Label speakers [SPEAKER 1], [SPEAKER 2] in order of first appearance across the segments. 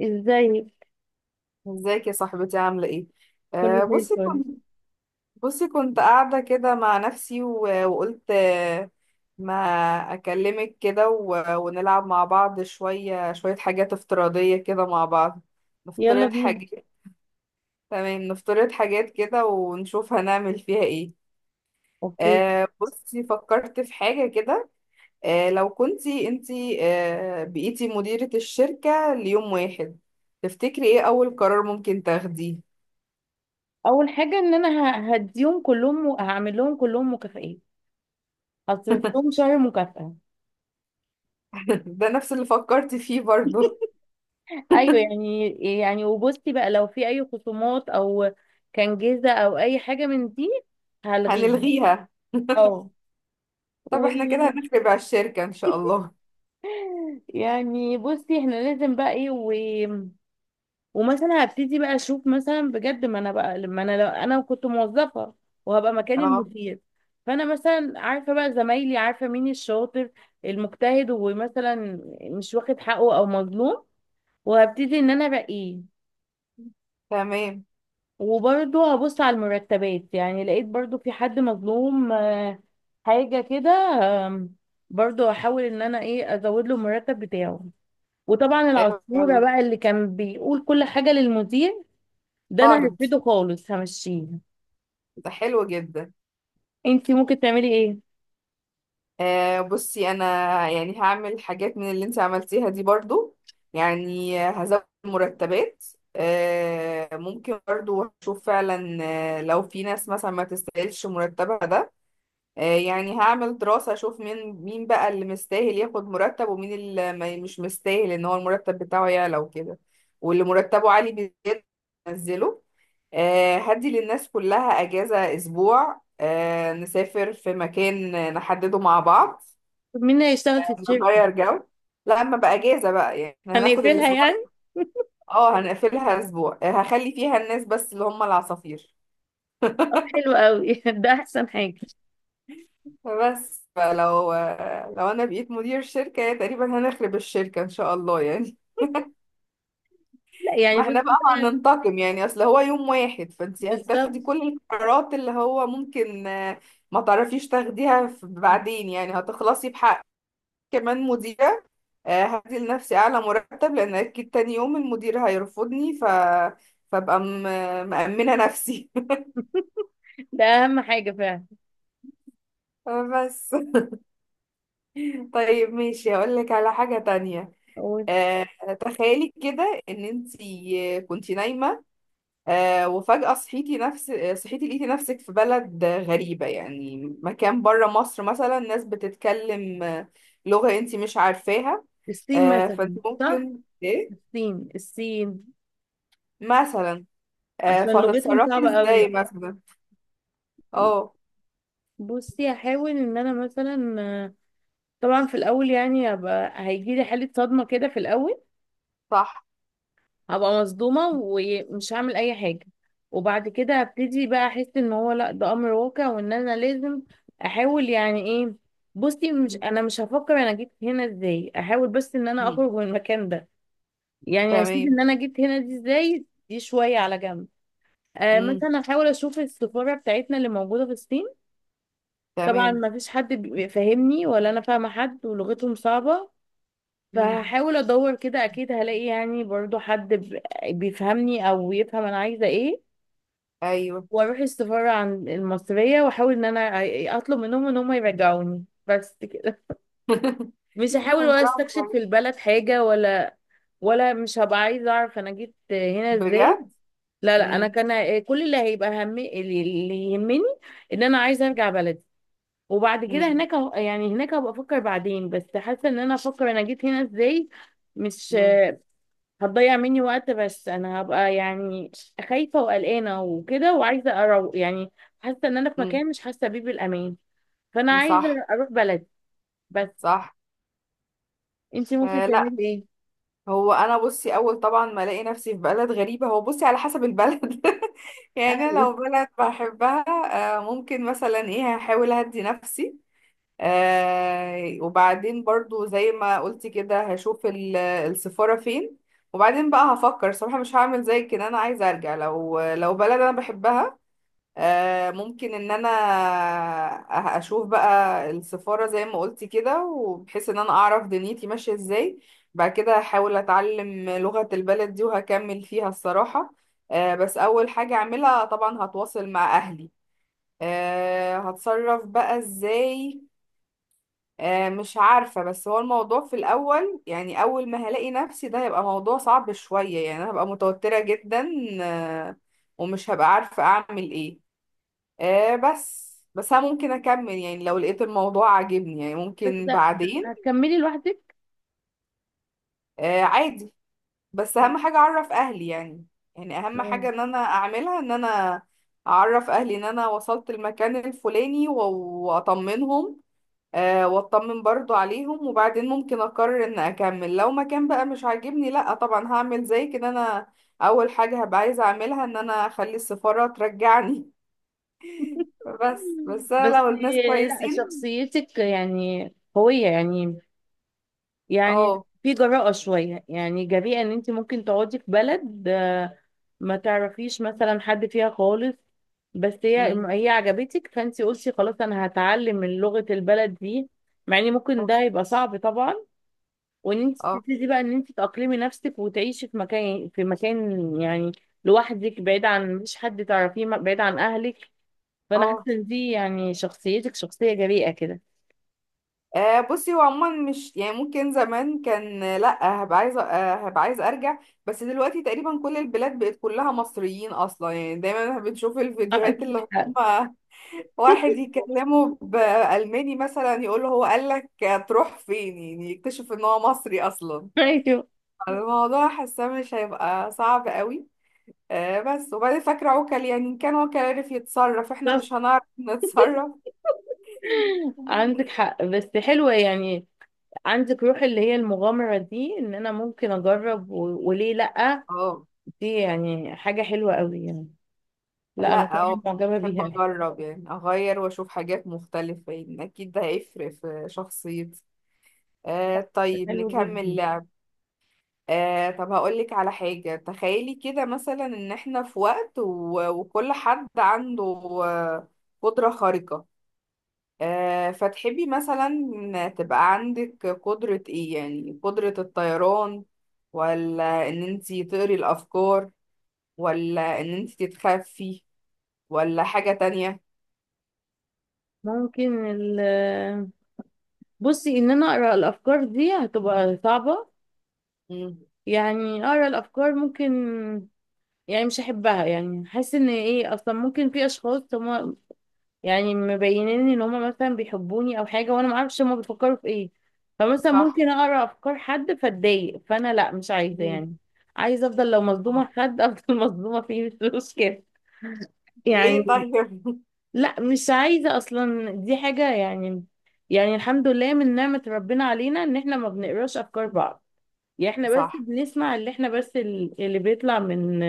[SPEAKER 1] ازاي؟
[SPEAKER 2] ازيك يا صاحبتي عاملة ايه؟
[SPEAKER 1] كله
[SPEAKER 2] آه
[SPEAKER 1] زي
[SPEAKER 2] بصي
[SPEAKER 1] الفل.
[SPEAKER 2] كنت بصي كنت قاعدة كده مع نفسي وقلت، ما أكلمك كده ونلعب مع بعض شوية شوية حاجات افتراضية كده مع بعض.
[SPEAKER 1] يلا
[SPEAKER 2] نفترض
[SPEAKER 1] بينا.
[SPEAKER 2] حاجات. تمام، نفترض حاجات كده ونشوف هنعمل فيها ايه.
[SPEAKER 1] اوكي.
[SPEAKER 2] بصي فكرت في حاجة كده. لو كنتي انتي بقيتي مديرة الشركة ليوم واحد، تفتكري ايه أول قرار ممكن تاخديه؟
[SPEAKER 1] اول حاجه ان انا هديهم كلهم هعمل لهم كلهم مكافئين. هصرف لهم شهر مكافأة.
[SPEAKER 2] ده نفس اللي فكرت فيه برضو.
[SPEAKER 1] ايوه يعني. يعني وبصي بقى لو في اي خصومات او كان جيزه او اي حاجه من دي هلغيها.
[SPEAKER 2] هنلغيها.
[SPEAKER 1] اه.
[SPEAKER 2] طب
[SPEAKER 1] و
[SPEAKER 2] احنا كده هنخرب على الشركة ان شاء الله.
[SPEAKER 1] يعني بصي احنا لازم بقى ايه. ومثلا هبتدي بقى اشوف مثلا بجد ما انا بقى لما انا لو انا كنت موظفه وهبقى مكان
[SPEAKER 2] اه،
[SPEAKER 1] المدير. فانا مثلا عارفه بقى زمايلي، عارفه مين الشاطر المجتهد ومثلا مش واخد حقه او مظلوم، وهبتدي ان انا ارقيه.
[SPEAKER 2] تمام.
[SPEAKER 1] وبرضه هبص على المرتبات، يعني لقيت برضه في حد مظلوم حاجه كده. آم، برضه هحاول ان انا ايه ازود له المرتب بتاعه. وطبعا
[SPEAKER 2] حلو أوي.
[SPEAKER 1] العصفوره بقى اللي كان بيقول كل حاجه للمدير ده انا
[SPEAKER 2] طرد.
[SPEAKER 1] هرفضه خالص، همشيه.
[SPEAKER 2] ده حلو جدا.
[SPEAKER 1] انتي ممكن تعملي ايه؟
[SPEAKER 2] بصي انا، يعني هعمل حاجات من اللي انت عملتيها دي برضو، يعني هزود مرتبات. ممكن برضو هشوف فعلا، لو في ناس مثلا ما تستاهلش مرتبها ده. يعني هعمل دراسة اشوف مين مين بقى اللي مستاهل ياخد مرتب، ومين اللي مش مستاهل ان هو المرتب بتاعه يعلى وكده. واللي مرتبه عالي بيزيد انزله. هدي للناس كلها اجازة اسبوع، نسافر في مكان نحدده مع بعض.
[SPEAKER 1] طب مين هيشتغل في الشركه؟
[SPEAKER 2] نغير جو. لا، اما بقى اجازة بقى يعني احنا هناخد
[SPEAKER 1] هنقفلها
[SPEAKER 2] الاسبوع.
[SPEAKER 1] يعني.
[SPEAKER 2] اه، هنقفلها اسبوع، هخلي فيها الناس بس اللي هم العصافير.
[SPEAKER 1] طب حلو قوي. ده احسن حاجه.
[SPEAKER 2] بس لو انا بقيت مدير شركة يا تقريبا هنخرب الشركة ان شاء الله يعني.
[SPEAKER 1] لا يعني
[SPEAKER 2] ما احنا
[SPEAKER 1] بصي
[SPEAKER 2] بقى
[SPEAKER 1] بقى.
[SPEAKER 2] هننتقم يعني، اصل هو يوم واحد، فانت
[SPEAKER 1] بالظبط.
[SPEAKER 2] هتاخدي كل القرارات اللي هو ممكن ما تعرفيش تاخديها بعدين، يعني هتخلصي بحق كمان مديرة. هدي لنفسي اعلى مرتب لان اكيد تاني يوم المدير هيرفضني، فابقى مأمنة نفسي.
[SPEAKER 1] ده اهم حاجه فعلا.
[SPEAKER 2] بس. طيب ماشي، هقول لك على حاجة تانية.
[SPEAKER 1] هو
[SPEAKER 2] آه، تخيلي كده ان انت كنتي نايمه، وفجاه صحيتي، صحيتي لقيتي نفسك في بلد غريبه، يعني مكان بره مصر مثلا، ناس بتتكلم، لغه انت مش عارفاها.
[SPEAKER 1] الصين
[SPEAKER 2] فانت
[SPEAKER 1] مثلا صح؟
[SPEAKER 2] ممكن ايه
[SPEAKER 1] الصين الصين.
[SPEAKER 2] مثلا؟
[SPEAKER 1] عشان لغتهم
[SPEAKER 2] فهتتصرفي
[SPEAKER 1] صعبه قوي.
[SPEAKER 2] ازاي مثلا؟ اه،
[SPEAKER 1] بصي هحاول ان انا مثلا طبعا في الاول يعني هبقى هيجي لي حاله صدمه كده في الاول.
[SPEAKER 2] صح.
[SPEAKER 1] هبقى مصدومة ومش هعمل اي حاجة. وبعد كده هبتدي بقى احس ان هو لا ده امر واقع وان انا لازم احاول يعني ايه. بصي مش انا مش هفكر انا جيت هنا ازاي، احاول بس ان انا
[SPEAKER 2] مم.
[SPEAKER 1] اخرج من المكان ده. يعني هسيب
[SPEAKER 2] تمام.
[SPEAKER 1] ان انا جيت هنا دي ازاي دي شوية على جنب.
[SPEAKER 2] مم.
[SPEAKER 1] مثلا احاول اشوف السفارة بتاعتنا اللي موجودة في الصين. طبعا
[SPEAKER 2] تمام.
[SPEAKER 1] ما فيش حد بيفهمني ولا انا فاهمة حد ولغتهم صعبة.
[SPEAKER 2] مم.
[SPEAKER 1] فهحاول ادور كده اكيد هلاقي يعني برضو حد بيفهمني او يفهم انا عايزه ايه.
[SPEAKER 2] ايوه.
[SPEAKER 1] واروح السفاره عن المصريه واحاول ان انا اطلب منهم ان هم يرجعوني، بس كده. مش هحاول ولا
[SPEAKER 2] برافو
[SPEAKER 1] استكشف في
[SPEAKER 2] عليكي.
[SPEAKER 1] البلد حاجه ولا. ولا مش هبقى عايزه اعرف انا جيت هنا ازاي.
[SPEAKER 2] بجد.
[SPEAKER 1] لا لا، انا
[SPEAKER 2] مم.
[SPEAKER 1] كان كل اللي هيبقى هم اللي يهمني، ان انا عايزه ارجع بلدي. وبعد كده
[SPEAKER 2] مم.
[SPEAKER 1] هناك يعني هناك هبقى افكر بعدين، بس حاسه ان انا افكر انا جيت هنا ازاي مش
[SPEAKER 2] مم.
[SPEAKER 1] هتضيع مني وقت. بس انا هبقى يعني خايفة وقلقانة وكده وعايزة اروق، يعني حاسة ان انا في مكان مش حاسة بيه بالامان، فانا
[SPEAKER 2] مم.
[SPEAKER 1] عايزة
[SPEAKER 2] صح،
[SPEAKER 1] اروح بلدي بس.
[SPEAKER 2] صح.
[SPEAKER 1] انتي ممكن
[SPEAKER 2] آه، لا.
[SPEAKER 1] تعملي ايه؟
[SPEAKER 2] هو انا بصي اول طبعا ما الاقي نفسي في بلد غريبه، هو بصي على حسب البلد. يعني انا
[SPEAKER 1] ايوه
[SPEAKER 2] لو بلد بحبها، ممكن مثلا ايه، هحاول اهدي نفسي. وبعدين برضو زي ما قلتي كده، هشوف السفاره فين. وبعدين بقى هفكر صراحه، مش هعمل زي كده، انا عايزه ارجع. لو بلد انا بحبها، ممكن ان انا اشوف بقى السفارة زي ما قلتي كده، وبحيث ان انا اعرف دنيتي ماشية ازاي. بعد كده احاول اتعلم لغة البلد دي وهكمل فيها الصراحة. بس اول حاجة اعملها طبعا هتواصل مع اهلي. هتصرف بقى ازاي. مش عارفة، بس هو الموضوع في الاول، يعني اول ما هلاقي نفسي، ده هيبقى موضوع صعب شوية، يعني أنا هبقى متوترة جدا، آه، ومش هبقى عارفة اعمل ايه. بس بس انا ممكن اكمل يعني لو لقيت الموضوع عاجبني يعني
[SPEAKER 1] بس.
[SPEAKER 2] ممكن
[SPEAKER 1] لا،
[SPEAKER 2] بعدين.
[SPEAKER 1] هتكملي لوحدك.
[SPEAKER 2] عادي. بس اهم حاجة اعرف اهلي يعني. يعني اهم
[SPEAKER 1] آه.
[SPEAKER 2] حاجة ان انا اعملها، ان انا اعرف اهلي ان انا وصلت المكان الفلاني، واطمنهم، واطمن برضو عليهم. وبعدين ممكن اقرر ان اكمل لو مكان بقى مش عاجبني. لا طبعا، هعمل زي كده، انا اول حاجة هبقى عايزة اعملها ان انا اخلي السفارة ترجعني. بس، بس انا
[SPEAKER 1] بس
[SPEAKER 2] لو الناس
[SPEAKER 1] لا،
[SPEAKER 2] كويسين.
[SPEAKER 1] شخصيتك يعني قوية يعني. يعني
[SPEAKER 2] اه.
[SPEAKER 1] في جراءة شوية، يعني جريئة ان انت ممكن تقعدي في بلد ما تعرفيش مثلا حد فيها خالص، بس هي هي عجبتك فانت قلتي خلاص انا هتعلم من لغة البلد دي، مع ان ممكن
[SPEAKER 2] اه.
[SPEAKER 1] ده يبقى صعب طبعا. وان انت
[SPEAKER 2] اه.
[SPEAKER 1] تبتدي بقى ان انت تأقلمي نفسك وتعيشي في مكان في مكان يعني لوحدك بعيد عن مش حد تعرفيه، بعيد عن اهلك. فانا حاسه
[SPEAKER 2] اه.
[SPEAKER 1] ان دي يعني شخصيتك شخصيه جريئه كده.
[SPEAKER 2] بصي هو عموما مش يعني ممكن زمان كان، لا هبقى عايزه، هبقى عايزه ارجع. بس دلوقتي تقريبا كل البلاد بقت كلها مصريين اصلا، يعني دايما بنشوف الفيديوهات اللي
[SPEAKER 1] عندك حق.
[SPEAKER 2] هم. واحد يكلمه بالماني مثلا يقول له، هو قال لك تروح فين، يعني يكتشف ان هو مصري اصلا.
[SPEAKER 1] ايوه
[SPEAKER 2] الموضوع حاسه مش هيبقى صعب قوي، بس وبعدين فاكره عوكل، يعني ان كان عوكل عرف يتصرف، احنا
[SPEAKER 1] بالظبط.
[SPEAKER 2] مش هنعرف نتصرف؟
[SPEAKER 1] عندك حق بس حلوه يعني. عندك روح اللي هي المغامرة دي ان انا ممكن اجرب و... وليه لأ.
[SPEAKER 2] اه،
[SPEAKER 1] دي يعني حاجة حلوة قوي يعني. لا انا
[SPEAKER 2] لا،
[SPEAKER 1] فعلا
[SPEAKER 2] اه.
[SPEAKER 1] معجبة
[SPEAKER 2] بحب
[SPEAKER 1] بيها.
[SPEAKER 2] اجرب يعني اغير واشوف حاجات مختلفة، يعني اكيد ده هيفرق في شخصيتي. طيب
[SPEAKER 1] حلو
[SPEAKER 2] نكمل
[SPEAKER 1] جدا.
[SPEAKER 2] لعب. طب هقولك على حاجة، تخيلي كده مثلا ان احنا في وقت وكل حد عنده، آه، قدرة خارقة. فتحبي مثلا تبقى عندك قدرة ايه، يعني قدرة الطيران، ولا ان انتي تقري الافكار، ولا ان انتي تتخفي، ولا حاجة تانية؟
[SPEAKER 1] ممكن ال... بصي ان انا اقرا الافكار دي هتبقى صعبة.
[SPEAKER 2] مم.
[SPEAKER 1] يعني اقرا الافكار ممكن، يعني مش هحبها يعني. حاسة ان ايه اصلا ممكن في اشخاص هم يعني مبينين ان هما مثلا بيحبوني او حاجه وانا ما اعرفش هما بيفكروا في ايه. فمثلا
[SPEAKER 2] صح.
[SPEAKER 1] ممكن اقرا افكار حد فاتضايق، فانا لا مش عايزه
[SPEAKER 2] مم.
[SPEAKER 1] يعني. عايزه افضل لو مصدومه
[SPEAKER 2] آه.
[SPEAKER 1] في حد افضل مصدومه فيه، مش مشكله يعني.
[SPEAKER 2] ليه طيب؟
[SPEAKER 1] لا مش عايزه اصلا، دي حاجه يعني. يعني الحمد لله من نعمه ربنا علينا ان احنا ما بنقراش افكار بعض. يعني احنا بس
[SPEAKER 2] صح،
[SPEAKER 1] بنسمع اللي احنا بس اللي بيطلع من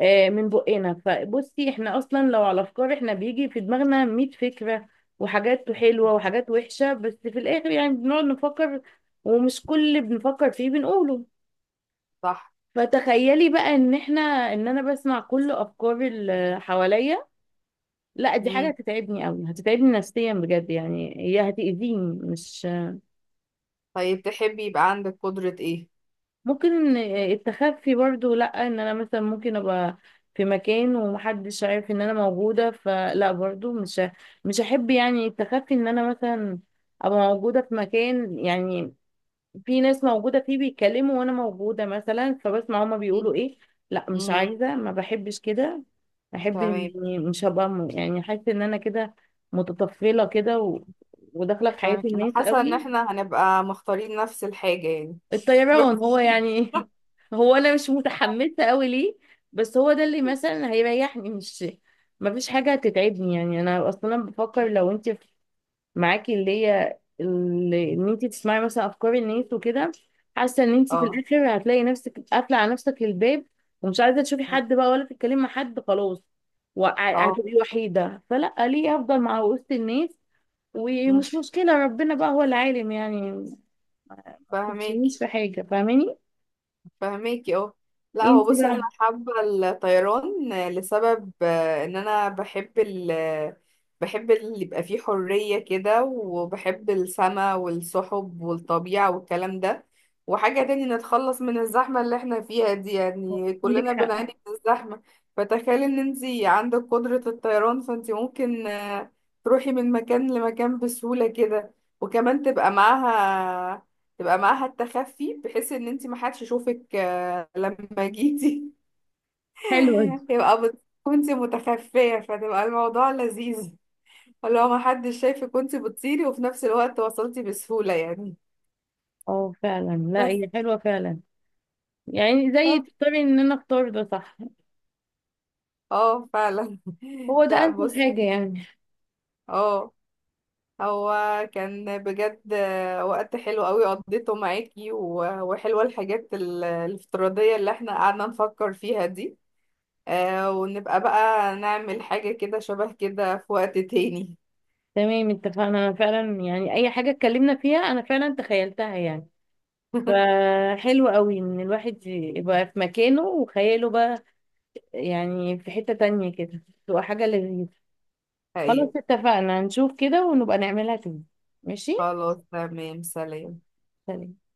[SPEAKER 1] من بقنا. فبصي احنا اصلا لو على افكار، احنا بيجي في دماغنا 100 فكرة وحاجات حلوة وحاجات وحشة، بس في الاخر يعني بنقعد نفكر ومش كل اللي بنفكر فيه بنقوله.
[SPEAKER 2] صح.
[SPEAKER 1] فتخيلي بقى ان احنا ان انا بسمع كل افكار اللي حواليا، لا دي حاجة
[SPEAKER 2] مم.
[SPEAKER 1] هتتعبني قوي، هتتعبني نفسيا بجد يعني، هي هتأذيني، مش
[SPEAKER 2] طيب تحبي يبقى عندك قدرة ايه؟
[SPEAKER 1] ممكن. التخفي برضو، لا ان انا مثلا ممكن ابقى في مكان ومحدش عارف ان انا موجودة، فلا برضو مش هحب يعني التخفي ان انا مثلا ابقى موجودة في مكان يعني في ناس موجودة فيه بيتكلموا وانا موجودة مثلا، فبسمع هما
[SPEAKER 2] مم.
[SPEAKER 1] بيقولوا ايه. لا مش
[SPEAKER 2] مم.
[SPEAKER 1] عايزة، ما بحبش كده. بحب
[SPEAKER 2] تمام،
[SPEAKER 1] اني مش هبقى يعني حاسة ان انا كده متطفلة كده وداخلة في حياة
[SPEAKER 2] تمام، انا
[SPEAKER 1] الناس
[SPEAKER 2] حاسة ان
[SPEAKER 1] قوي.
[SPEAKER 2] احنا هنبقى مختارين نفس الحاجة يعني. بس.
[SPEAKER 1] الطيران هو يعني. هو انا مش متحمسه قوي ليه، بس هو ده اللي مثلا هيريحني. مش ما فيش حاجه هتتعبني يعني. انا اصلا بفكر لو انت معاكي اللي هي اللي ان انت تسمعي مثلا افكار الناس وكده، حاسه ان انت في
[SPEAKER 2] اه،
[SPEAKER 1] الاخر هتلاقي نفسك قافله على نفسك الباب ومش عايزه تشوفي
[SPEAKER 2] مم.
[SPEAKER 1] حد بقى ولا تتكلمي مع حد خلاص
[SPEAKER 2] اه،
[SPEAKER 1] هتبقي وحيده. فلا، ليه؟ افضل مع وسط الناس
[SPEAKER 2] مم.
[SPEAKER 1] ومش مشكله، ربنا بقى هو العالم يعني.
[SPEAKER 2] فاهمك.
[SPEAKER 1] مش في حاجه فاهماني.
[SPEAKER 2] فهماكي، اه. لا، هو
[SPEAKER 1] انتي
[SPEAKER 2] بصي انا
[SPEAKER 1] بقى.
[SPEAKER 2] حابه الطيران لسبب، ان انا بحب بحب اللي يبقى فيه حريه كده، وبحب السما والسحب والطبيعه والكلام ده. وحاجه تاني نتخلص من الزحمه اللي احنا فيها دي، يعني
[SPEAKER 1] عندك
[SPEAKER 2] كلنا
[SPEAKER 1] حق،
[SPEAKER 2] بنعاني من الزحمه. فتخيلي ان انتي عندك قدره الطيران، فانتي ممكن تروحي من مكان لمكان بسهوله كده، وكمان تبقى معاها، تبقى معاها التخفي، بحيث ان انت ما حدش يشوفك لما جيتي.
[SPEAKER 1] حلوة دي.
[SPEAKER 2] يبقى كنت متخفية فتبقى الموضوع لذيذ، اللي هو ما حدش شايفك كنت بتطيري، وفي نفس الوقت وصلتي بسهولة يعني.
[SPEAKER 1] اه فعلا. لا،
[SPEAKER 2] بس.
[SPEAKER 1] هي حلوة فعلا يعني، زي
[SPEAKER 2] طب.
[SPEAKER 1] تختاري ان انا اختار ده صح.
[SPEAKER 2] اه، فعلا.
[SPEAKER 1] هو ده
[SPEAKER 2] لا
[SPEAKER 1] انسب
[SPEAKER 2] بص.
[SPEAKER 1] حاجة يعني.
[SPEAKER 2] اه. هو كان بجد وقت حلو قوي قضيته معاكي وحلوة الحاجات الافتراضية اللي احنا قعدنا نفكر فيها دي. ونبقى بقى نعمل حاجة كده شبه كده في وقت تاني.
[SPEAKER 1] تمام اتفقنا، انا فعلا يعني اي حاجة اتكلمنا فيها انا فعلا تخيلتها يعني، فحلو قوي ان الواحد يبقى في مكانه وخياله بقى يعني في حتة تانية كده، تبقى حاجة لذيذة. خلاص
[SPEAKER 2] أيوة.
[SPEAKER 1] اتفقنا، نشوف كده ونبقى نعملها تاني. ماشي.
[SPEAKER 2] خلاص، تمام. سلام.
[SPEAKER 1] سلام.